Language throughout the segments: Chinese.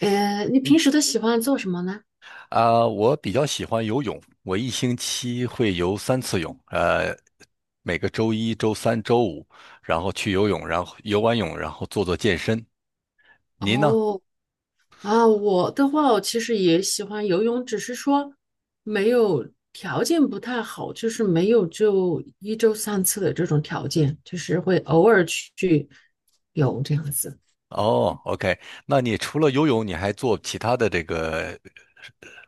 你平时都喜欢做什么呢？啊，我比较喜欢游泳，我一星期会游3次泳，每个周一、周三、周五，然后去游泳，然后游完泳，然后做做健身。您呢？哦。啊，我的话，我其实也喜欢游泳，只是说没有条件不太好，就是没有就一周三次的这种条件，就是会偶尔去游这样子。哦，OK，那你除了游泳，你还做其他的这个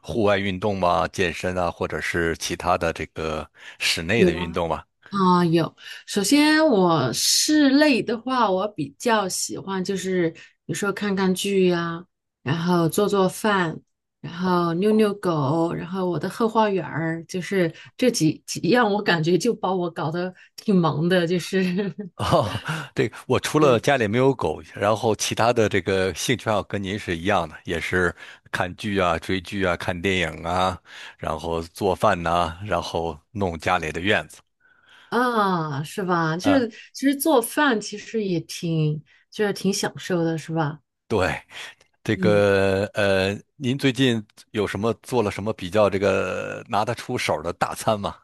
户外运动吗？健身啊，或者是其他的这个室内的运动吗？啊、有。首先，我室内的话，我比较喜欢就是有时候看看剧呀、然后做做饭，然后遛遛狗，然后我的后花园儿，就是这几样，我感觉就把我搞得挺忙的，就是 哦，对我除了对家里没有狗，然后其他的这个兴趣爱好跟您是一样的，也是看剧啊、追剧啊、看电影啊，然后做饭呐、然后弄家里的院子。啊，是吧？就啊，是其实做饭其实也挺就是挺享受的，是吧？对，这嗯。个您最近有什么做了什么比较这个拿得出手的大餐吗？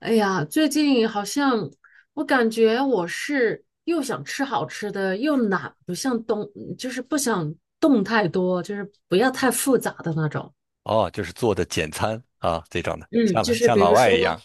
哎呀，最近好像我感觉我是又想吃好吃的，又懒，不想动，就是不想动太多，就是不要太复杂的那种。哦，就是做的简餐啊这种的，嗯，就像是像比老如外一样。说，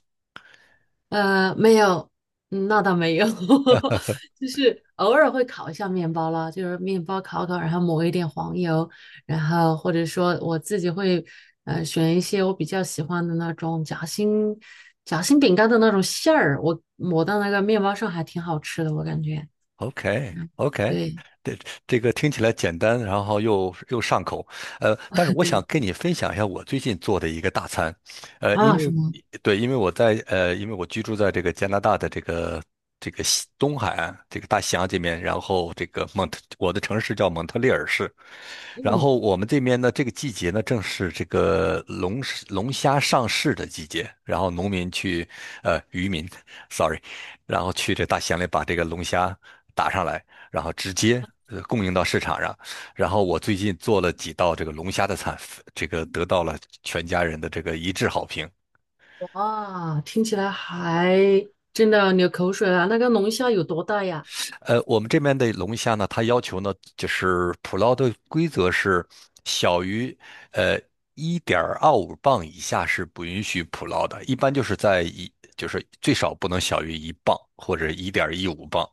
没有，那倒没有。就是偶尔会烤一下面包了，就是面包烤烤，然后抹一点黄油，然后或者说我自己会选一些我比较喜欢的那种夹心饼干的那种馅儿，我抹到那个面包上还挺好吃的，我感觉。OK，OK，对。 这这个听起来简单，然后又上口，但是 我想对跟你分享一下我最近做的一个大餐，呃，因啊，什为么？对，因为我居住在这个加拿大的这个西东海岸这个大西洋这边，然后这个蒙特，我的城市叫蒙特利尔市，然嗯。后我们这边呢，这个季节呢，正是这个龙虾上市的季节，然后农民去，呃，渔民 ，sorry，然后去这大西洋里把这个龙虾打上来，然后直接供应到市场上。然后我最近做了几道这个龙虾的菜，这个得到了全家人的这个一致好评。哇，听起来还真的流口水了。那个龙虾有多大呀？我们这边的龙虾呢，它要求呢就是捕捞的规则是小于呃1.25磅以下是不允许捕捞的，一般就是就是最少不能小于一磅或者1.15磅。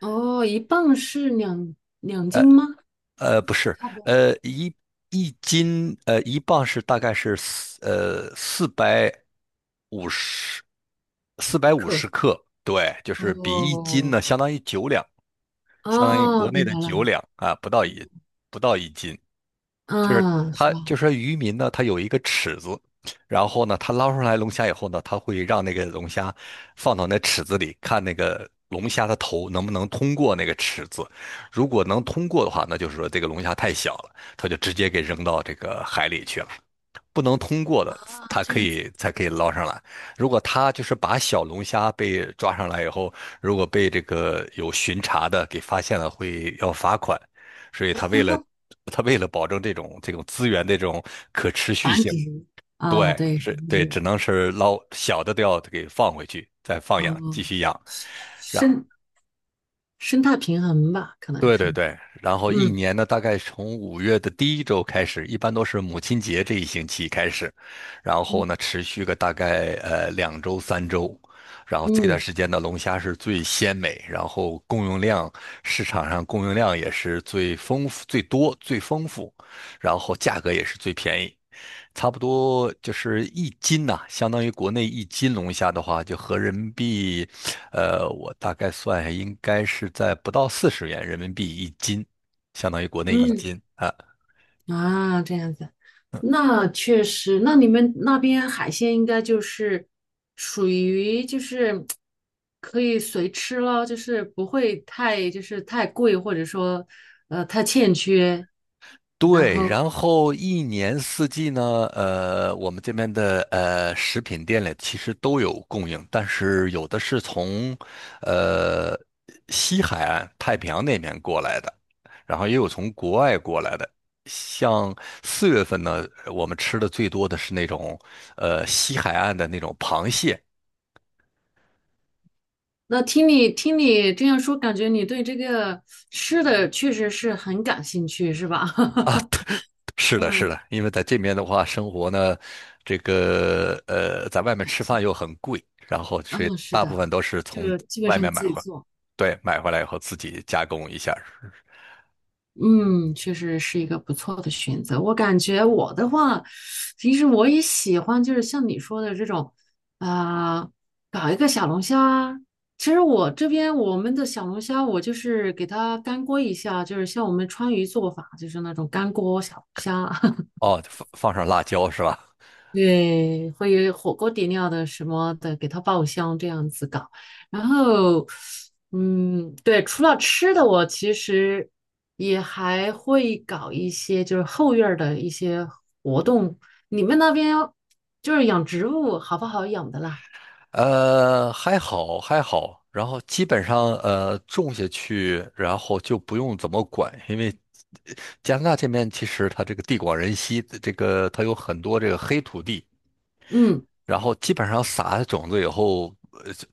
哦，一磅是两斤吗？不是，呃，一一磅是大概是五十450克，对，就是比一斤呢，哦。相当于九两，相当于国哦，内明的白了，九明两啊，不到一斤。嗯，是它吧？就说渔民呢，他有一个尺子，然后呢，他捞上来龙虾以后呢，他会让那个龙虾放到那尺子里，看那个龙虾的头能不能通过那个尺子。如果能通过的话，那就是说这个龙虾太小了，他就直接给扔到这个海里去了。不能通过的，啊，它这可样子。以才可以捞上来。如果它就是把小龙虾被抓上来以后，如果被这个有巡查的给发现了，会要罚款。所以它为了保证这种资源的这种可持续繁性，殖。啊，对，对，是繁对，殖。只能是捞小的都要给放回去，再放养，继哦，续养。生生态平衡吧，可能对对是。对，然后一嗯年呢，大概从5月的第一周开始，一般都是母亲节这一星期开始，然后呢，嗯持续个大概两周三周，然后这段嗯时间呢，龙虾是最鲜美，然后供应量市场上供应量也是最丰富、最多、最丰富，然后价格也是最便宜，差不多就是一斤呐、相当于国内一斤龙虾的话，就合人民币我大概算一下，应该是在不到40元人民币一斤，相当于国内一嗯。斤啊。啊，这样子，那确实，那你们那边海鲜应该就是属于就是可以随吃咯，就是不会太就是太贵，或者说太欠缺，然对，后。然后一年四季呢，我们这边的食品店里其实都有供应，但是有的是从呃西海岸太平洋那边过来的，然后也有从国外过来的。像4月份呢，我们吃的最多的是那种西海岸的那种螃蟹，那听你这样说，感觉你对这个吃的确实是很感兴趣，是吧？是的，是嗯。的，因为在这边的话，生活呢，这个在外面感吃兴饭又很贵，然后所以嗯，是大部的，分都是从就基本外上面买自己回，做。对，买回来以后自己加工一下儿嗯，确实是一个不错的选择。我感觉我的话，其实我也喜欢，就是像你说的这种，啊、搞一个小龙虾啊。其实我这边我们的小龙虾，我就是给它干锅一下，就是像我们川渝做法，就是那种干锅小龙虾啊。哦，放上辣椒是吧？对，会有火锅底料的什么的，给它爆香这样子搞。然后，嗯，对，除了吃的，我其实也还会搞一些就是后院儿的一些活动。你们那边就是养植物好不好养的啦？还好还好，然后基本上种下去，然后就不用怎么管，因为加拿大这边其实它这个地广人稀，这个它有很多这个黑土地，嗯，然后基本上撒了种子以后，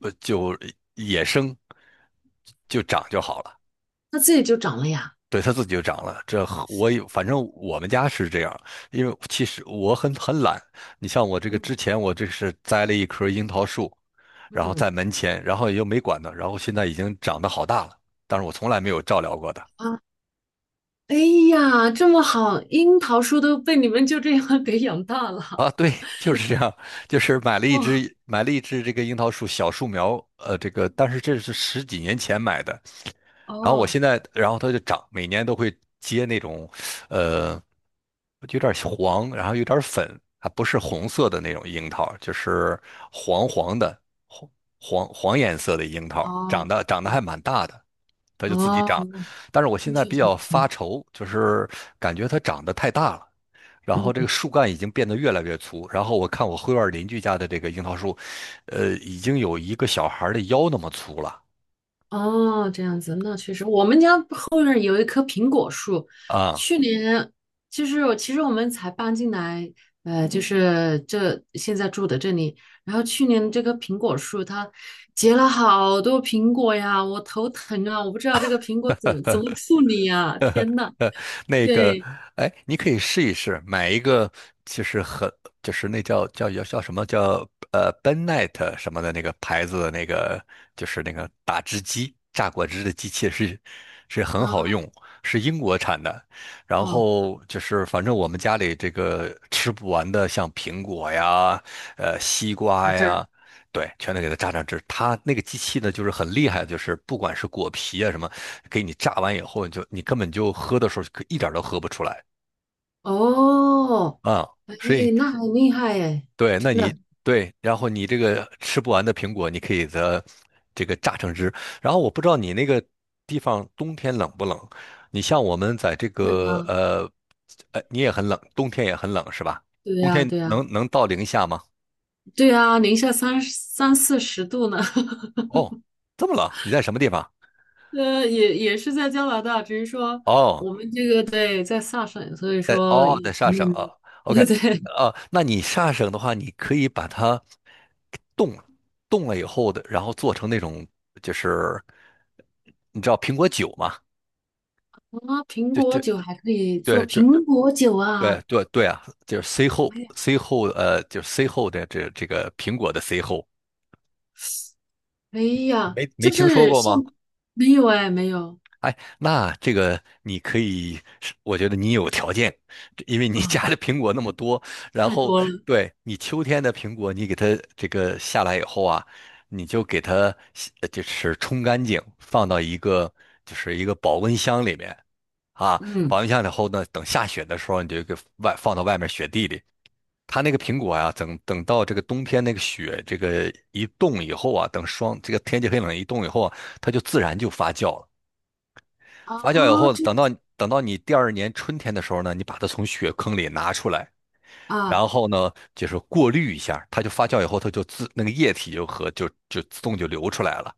就野生就长就好了，它自己就长了呀。对，它自己就长了。这和我有，反正我们家是这样，因为其实我很懒。你像我这个嗯之前，我这是栽了一棵樱桃树，然后嗯在门前，然后也就没管它，然后现在已经长得好大了，但是我从来没有照料过它。啊。哎呀，这么好，樱桃树都被你们就这样 给养大了。啊，对，就是这样，就是买了一哇。只买了一只这个樱桃树小树苗，这个但是这是十几年前买的。然后我哦。现在，然后它就长，每年都会结那种，呃，有点黄，然后有点粉，它不是红色的那种樱桃，就是黄黄的，黄黄黄颜色的樱桃，长哦。得长得嗯。还蛮大的，它就自己哦，长。但是我那现在确比实不较错。发愁，就是感觉它长得太大了，然后这个嗯。树干已经变得越来越粗，然后我看我后院邻居家的这个樱桃树，已经有一个小孩儿的腰那么粗了。哦，这样子，那确实，我们家后院儿有一棵苹果树，啊，去年就是我其实我们才搬进来，就是这现在住的这里，然后去年这棵苹果树它结了好多苹果呀，我头疼啊，我不知道这个苹果怎么处理呀，天呐。呃，那个，对。哎，你可以试一试，买一个，就是很，就是那叫什么叫b e n e t 什么的那个牌子的那个，就是那个打汁机，榨果汁的机器是很好啊。用，是英国产的。然哦，后就是反正我们家里这个吃不完的，像苹果呀，西瓜打汁儿。呀。对，全都给它榨榨汁。它那个机器呢，就是很厉害，就是不管是果皮啊什么，给你榨完以后，你根本就喝的时候一点儿都喝不出来哦，啊、哎，所以那很厉害哎，对，真那你的。对，然后你这个吃不完的苹果，你可以的这个榨成汁。然后我不知道你那个地方冬天冷不冷？你像我们在这那个个，你也很冷，冬天也很冷是吧？对冬呀，天对呀。能到零下吗？对啊，零下三四十度呢。哦，这么冷，你在什么地方？也是在加拿大，只是说哦，我们这个对在萨省，所以说也在萨挺省冷啊的。，OK，对啊，那你萨省的话，你可以把它冻冻了以后的，然后做成那种就是你知道苹果酒嘛？啊，苹就果就酒还可以对做就苹果酒对啊！对对啊，就是 C 后 哎呀，C 后呃，就是 C 后的这个苹果的 C 后，哎呀，没就听说是过吗？像没有哎，没有哎，那这个你可以是我觉得你有条件，这因为你啊，家的苹果那么多，然太后多了。对你秋天的苹果，你给它这个下来以后啊，你就给它洗呃就是冲干净，放到一个保温箱里面啊，保嗯温箱以后呢，等下雪的时候，你就放到外面雪地里。它那个苹果啊，等到这个冬天那个雪这个一冻以后啊，等霜这个天气很冷一冻以后啊，它就自然就发酵了。发酵以啊，后，这等样到子等到你第二年春天的时候呢，你把它从雪坑里拿出来，啊。然后呢，就是过滤一下，它就发酵以后，它就自那个液体就自动就流出来了。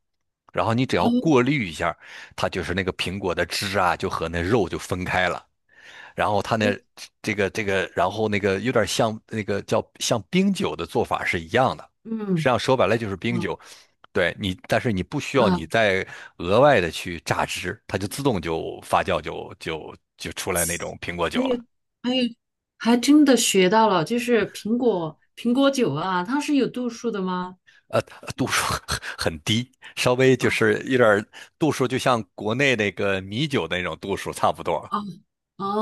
然后你只要哦，过滤一下，它就是那个苹果的汁啊，就和那肉就分开了。然后它哎，那这个这个，然后那个有点像那个叫像冰酒的做法是一样的，实嗯际上说白了就是冰啊。酒。对你，但是你不需要你再额外的去榨汁，它就自动就发酵就出来那种苹果酒还有了。还有，还真的学到了，就是苹果酒啊，它是有度数的吗？呃，度数 很低，稍微就哦是有点儿度数，就像国内那个米酒的那种度数差不多。哦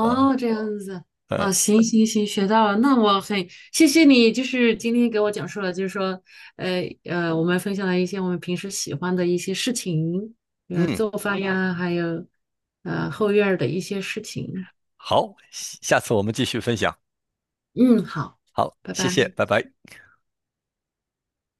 嗯这样子嗯啊，行行行，学到了。那我很谢谢你，就是今天给我讲述了，就是说，我们分享了一些我们平时喜欢的一些事情，嗯，做饭呀，还有后院儿的一些事情。好，下次我们继续分享。嗯，好，好，拜谢谢，拜。拜拜。